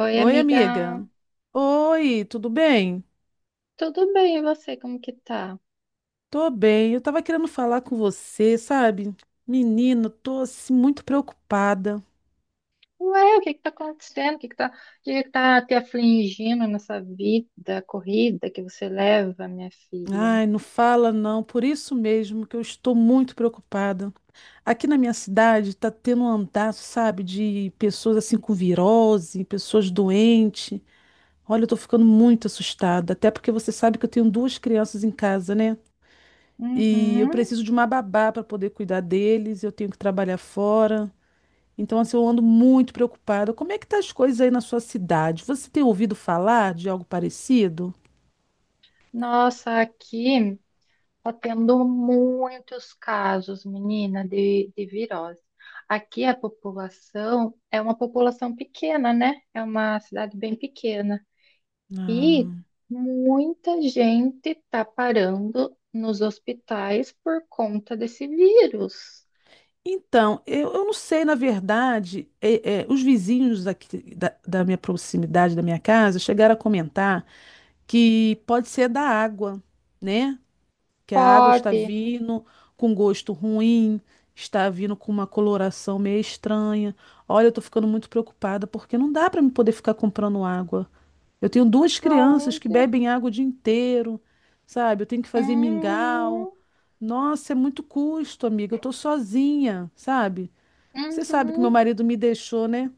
Oi, Oi, amiga. amiga. Oi, tudo bem? Tudo bem, e você? Como que tá? Tô bem. Eu tava querendo falar com você, sabe? Menino, tô assim muito preocupada. Ué, o que que tá acontecendo? O que que tá, o que que tá te afligindo nessa vida corrida que você leva, minha filha? Ai, não fala não. Por isso mesmo que eu estou muito preocupada. Aqui na minha cidade tá tendo um andaço, sabe, de pessoas assim com virose, pessoas doentes. Olha, eu tô ficando muito assustada, até porque você sabe que eu tenho duas crianças em casa, né? E eu Uhum. preciso de uma babá para poder cuidar deles, eu tenho que trabalhar fora. Então, assim, eu ando muito preocupada. Como é que tá as coisas aí na sua cidade? Você tem ouvido falar de algo parecido? Nossa, aqui tá tendo muitos casos, menina, de virose. Aqui a população é uma população pequena, né? É uma cidade bem pequena. E Ah. muita gente está parando nos hospitais por conta desse vírus. Então, eu não sei, na verdade, os vizinhos aqui da minha proximidade, da minha casa, chegaram a comentar que pode ser da água, né? Que a água está Pode. vindo com gosto ruim, está vindo com uma coloração meio estranha. Olha, eu tô ficando muito preocupada porque não dá para me poder ficar comprando água. Eu tenho duas crianças que Aonde? bebem água o dia inteiro, sabe? Eu tenho que fazer mingau. Uhum, Nossa, é muito custo, amiga. Eu tô sozinha, sabe? Você sabe que meu uhum, marido me deixou, né?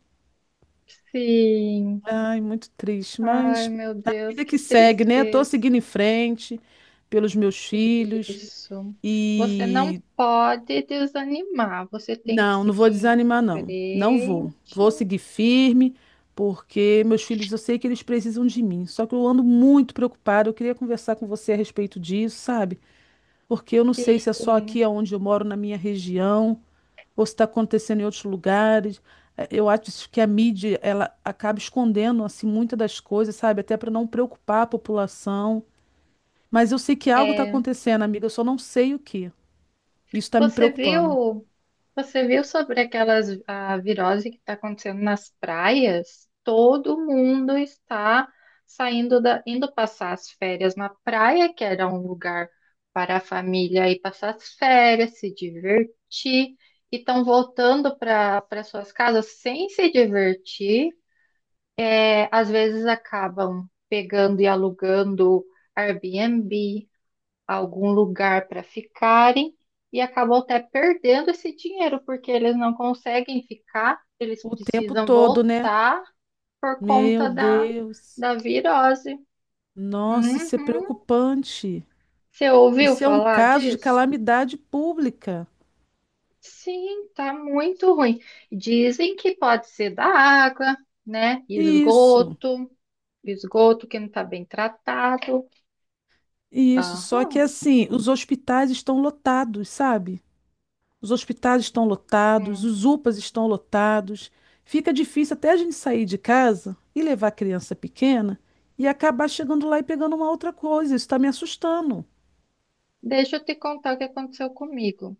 sim. Ai, muito triste, Ai, mas meu a Deus, vida que que segue, né? Tô tristeza. seguindo em frente pelos meus filhos Isso. Você não e pode desanimar. Você tem que não, não seguir vou em desanimar, não. Não vou. Vou frente. seguir firme, porque meus filhos, eu sei que eles precisam de mim. Só que eu ando muito preocupada. Eu queria conversar com você a respeito disso, sabe? Porque eu não sei se é só Sim. aqui onde eu moro, na minha região, ou se está acontecendo em outros lugares. Eu acho que a mídia ela acaba escondendo assim muitas das coisas, sabe? Até para não preocupar a população. Mas eu sei que algo está É. acontecendo, amiga, eu só não sei o que. Isso está me Você preocupando. viu? Você viu sobre aquelas a virose que está acontecendo nas praias? Todo mundo está saindo da, indo passar as férias na praia, que era um lugar para a família ir passar as férias, se divertir, e estão voltando para suas casas sem se divertir. É, às vezes acabam pegando e alugando Airbnb algum lugar para ficarem e acabam até perdendo esse dinheiro, porque eles não conseguem ficar, eles O tempo precisam todo, né? voltar por Meu conta da, Deus. da virose. Nossa, isso é Uhum. preocupante. Você ouviu Isso é um falar caso de disso? calamidade pública. Sim, tá muito ruim. Dizem que pode ser da água, né? Isso. Esgoto, esgoto que não tá bem tratado. Isso, só que Aham. assim, os hospitais estão lotados, sabe? Os hospitais estão lotados, Hum. os UPAs estão lotados. Fica difícil até a gente sair de casa e levar a criança pequena e acabar chegando lá e pegando uma outra coisa. Isso está me assustando. Deixa eu te contar o que aconteceu comigo.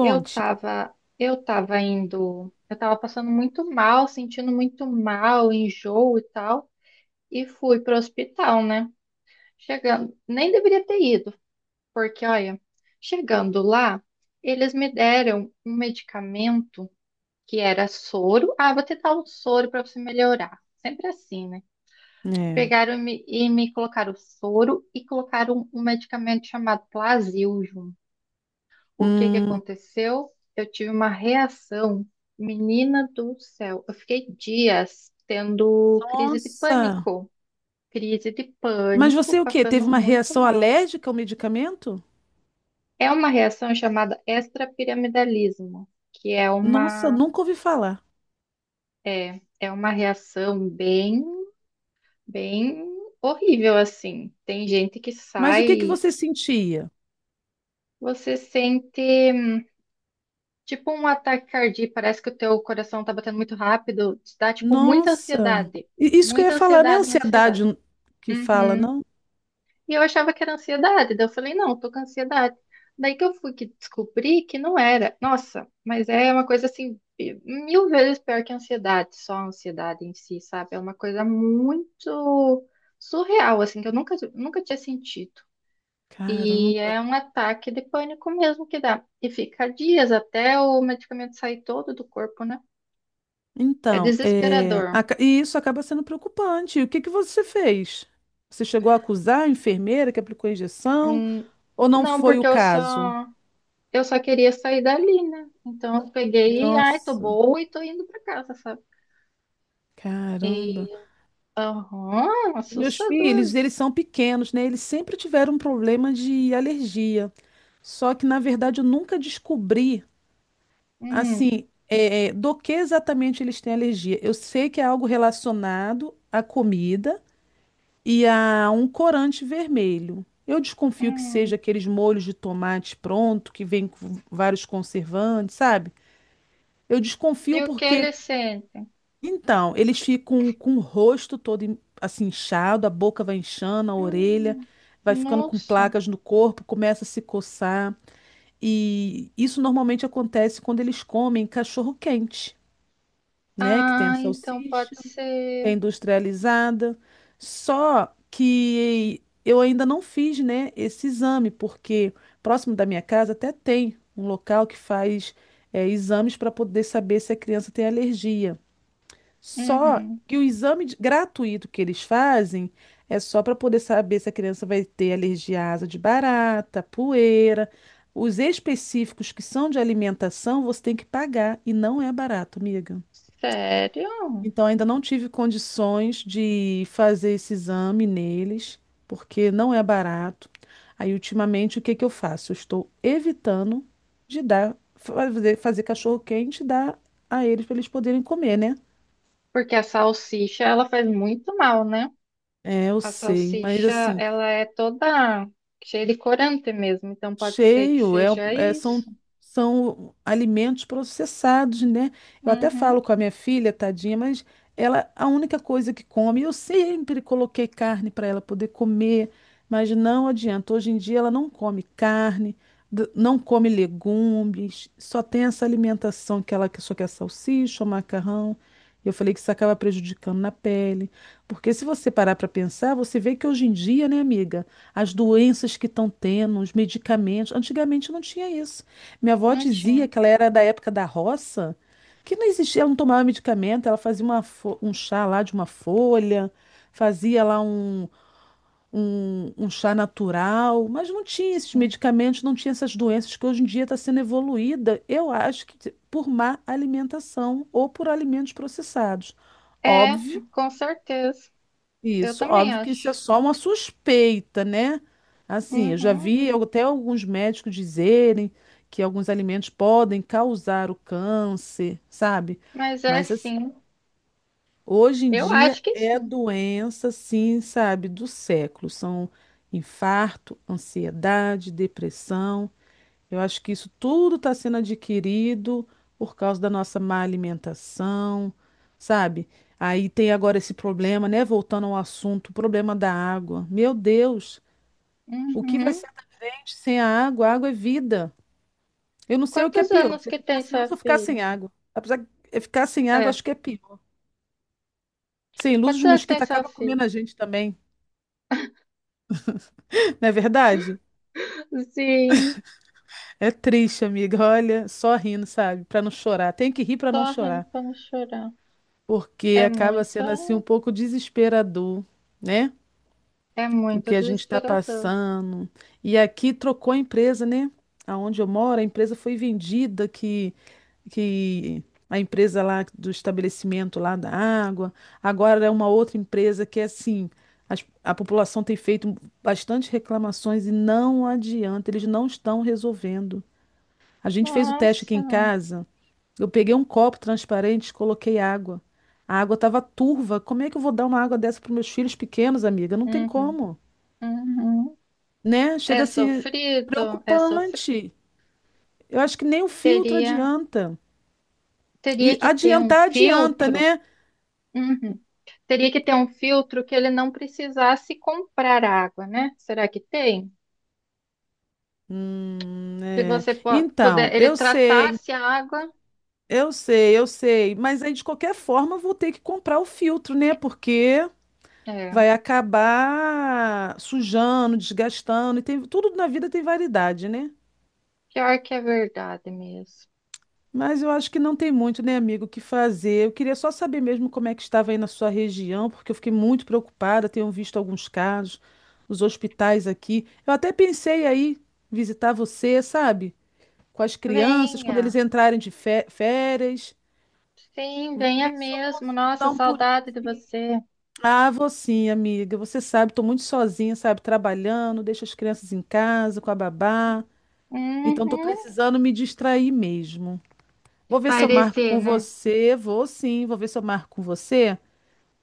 Eu tava, eu tava indo, eu tava passando muito mal, sentindo muito mal, enjoo e tal, e fui pro hospital, né? Chegando, nem deveria ter ido, porque olha, chegando lá, eles me deram um medicamento que era soro. Ah, vou tentar o soro para você melhorar. Sempre assim, né? É. Pegaram e me colocaram soro e colocaram um medicamento chamado Plasil junto. O que que Hum, aconteceu? Eu tive uma reação, menina do céu. Eu fiquei dias tendo nossa. Crise de Mas você pânico, o quê? passando Teve uma muito reação mal. alérgica ao medicamento? É uma reação chamada extrapiramidalismo, que é Nossa, uma nunca ouvi falar. é, é uma reação bem horrível assim. Tem gente que Mas o que que sai, você sentia? você sente tipo um ataque cardíaco, parece que o teu coração tá batendo muito rápido, te dá tipo muita Nossa! ansiedade. Isso que eu ia Muita falar, não é ansiedade, muita ansiedade ansiedade. que fala, Uhum. não? E eu achava que era ansiedade, daí eu falei, não, tô com ansiedade. Daí que eu fui que descobri que não era. Nossa, mas é uma coisa assim, mil vezes pior que a ansiedade, só a ansiedade em si, sabe? É uma coisa muito surreal, assim, que eu nunca tinha sentido. E Caramba. é um ataque de pânico mesmo que dá. E fica dias até o medicamento sair todo do corpo, né? É Então, desesperador. E isso acaba sendo preocupante. O que que você fez? Você chegou a acusar a enfermeira que aplicou a injeção Hum, ou não não, foi o porque eu caso? só eu só queria sair dali, né? Então eu peguei e ai, tô Nossa, boa e tô indo pra casa, sabe? caramba. E aham, Os meus filhos, assustador. eles são pequenos, né? Eles sempre tiveram um problema de alergia. Só que, na verdade, eu nunca descobri. Hum, Assim, do que exatamente eles têm alergia? Eu sei que é algo relacionado à comida e a um corante vermelho. Eu desconfio que hum. seja aqueles molhos de tomate pronto, que vem com vários conservantes, sabe? Eu E desconfio o que porque, eles sentem? então, eles ficam com o rosto todo assim inchado, a boca vai inchando, a orelha Hum, vai ficando com nossa. placas no corpo, começa a se coçar. E isso normalmente acontece quando eles comem cachorro quente, né? Que tem a Ah, então salsicha, pode que é ser. industrializada. Só que eu ainda não fiz, né, esse exame, porque próximo da minha casa até tem um local que faz exames para poder saber se a criança tem alergia. Só Uhum. que o exame gratuito que eles fazem é só para poder saber se a criança vai ter alergia à asa de barata, poeira. Os específicos que são de alimentação, você tem que pagar e não é barato, amiga. Sério? Então, ainda não tive condições de fazer esse exame neles, porque não é barato. Aí, ultimamente, o que que eu faço? Eu estou evitando de fazer cachorro-quente e dar a eles para eles poderem comer, né? Porque a salsicha, ela faz muito mal, né? É, eu A sei, mas salsicha, assim, ela é toda cheia de corante mesmo, então pode ser que Cheio, seja são, isso. são alimentos processados, né? Eu até falo Uhum, com a minha filha, tadinha, mas ela, a única coisa que come, eu sempre coloquei carne para ela poder comer, mas não adianta. Hoje em dia ela não come carne, não come legumes, só tem essa alimentação que ela só quer salsicha, ou macarrão. Eu falei que isso acaba prejudicando na pele, porque se você parar para pensar, você vê que hoje em dia, né, amiga, as doenças que estão tendo, os medicamentos. Antigamente não tinha isso. Minha avó não dizia tinha. que ela era da época da roça, que não existia, ela não tomava medicamento, ela fazia um chá lá de uma folha, fazia lá um chá natural, mas não tinha esses Sim. medicamentos, não tinha essas doenças que hoje em dia está sendo evoluída, eu acho que por má alimentação ou por alimentos processados. É, Óbvio com certeza. Eu isso, também óbvio que isso é acho. só uma suspeita, né? Assim, eu já Uhum, vi até alguns médicos dizerem que alguns alimentos podem causar o câncer, sabe? mas é Mas assim, sim. hoje em Eu dia acho que é sim. doença, sim, sabe, do século. São infarto, ansiedade, depressão. Eu acho que isso tudo está sendo adquirido por causa da nossa má alimentação, sabe? Aí tem agora esse problema, né? Voltando ao assunto, o problema da água. Meu Deus, o que vai Uhum. ser da gente sem a água? A água é vida. Eu não sei o que é Quantos pior, anos se que ficar tem sem sua luz ou ficar filha? sem água. Apesar de ficar sem água, É, acho que é pior. Sem luz, quantos os anos tem mosquitos sua acabam filha? comendo a gente também, não é verdade? Sim, É triste, amiga. Olha, só rindo, sabe? Para não chorar. Tem que rir para não só rindo chorar. pra não chorar. Porque É acaba muito, sendo assim um pouco desesperador, né? é O que muito a gente está desesperador. passando. E aqui trocou a empresa, né? Aonde eu moro, a empresa foi vendida, que a empresa lá do estabelecimento lá da água, agora é uma outra empresa que é assim. A população tem feito bastante reclamações e não adianta, eles não estão resolvendo. A gente fez o teste aqui Nossa. em casa, eu peguei um copo transparente, coloquei água. A água estava turva. Como é que eu vou dar uma água dessa para meus filhos pequenos, amiga? Não tem Uhum, como, uhum. né? É Chega assim, é sofrido, é sofrido. preocupante. Eu acho que nem o filtro Teria, adianta. teria E que ter um adiantar adianta, filtro. né? Uhum. Teria que ter um filtro que ele não precisasse comprar água, né? Será que tem? Se É. você po- Então, puder, ele tratasse a água. Eu sei, mas aí de qualquer forma eu vou ter que comprar o filtro, né? Porque É, vai acabar sujando, desgastando, e tem, tudo na vida tem variedade, né? pior que é verdade mesmo. Mas eu acho que não tem muito, né, amigo, o que fazer. Eu queria só saber mesmo como é que estava aí na sua região, porque eu fiquei muito preocupada, tenho visto alguns casos, os hospitais aqui. Eu até pensei aí visitar você, sabe? Com as crianças, quando eles Venha. entrarem de férias. Sim, Vou venha ver se eu mesmo. consigo Nossa, dar um pulinho saudade de assim. você. Ah, vou sim, amiga. Você sabe, estou muito sozinha, sabe? Trabalhando, deixo as crianças em casa com a babá. Então, estou Uhum. precisando me distrair mesmo. Vou ver se eu marco Parecer, com né? você. Vou sim, vou ver se eu marco com você.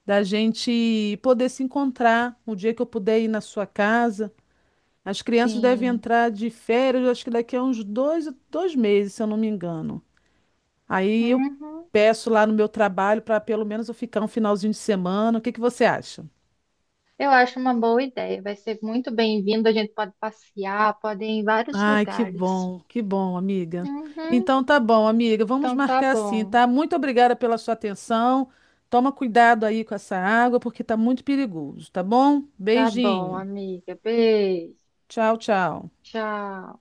Da gente poder se encontrar o dia que eu puder ir na sua casa. As crianças devem Sim. entrar de férias, acho que daqui a uns 2 meses, se eu não me engano. Aí eu Uhum. peço lá no meu trabalho para pelo menos eu ficar um finalzinho de semana. O que que você acha? Eu acho uma boa ideia. Vai ser muito bem-vindo. A gente pode passear, pode ir em vários Ai, lugares. Que bom, amiga. Uhum. Então tá bom, amiga, vamos Então tá marcar assim, bom. tá? Muito obrigada pela sua atenção. Toma cuidado aí com essa água, porque tá muito perigoso, tá bom? Tá bom, Beijinho. amiga. Beijo. Tchau, tchau. Tchau.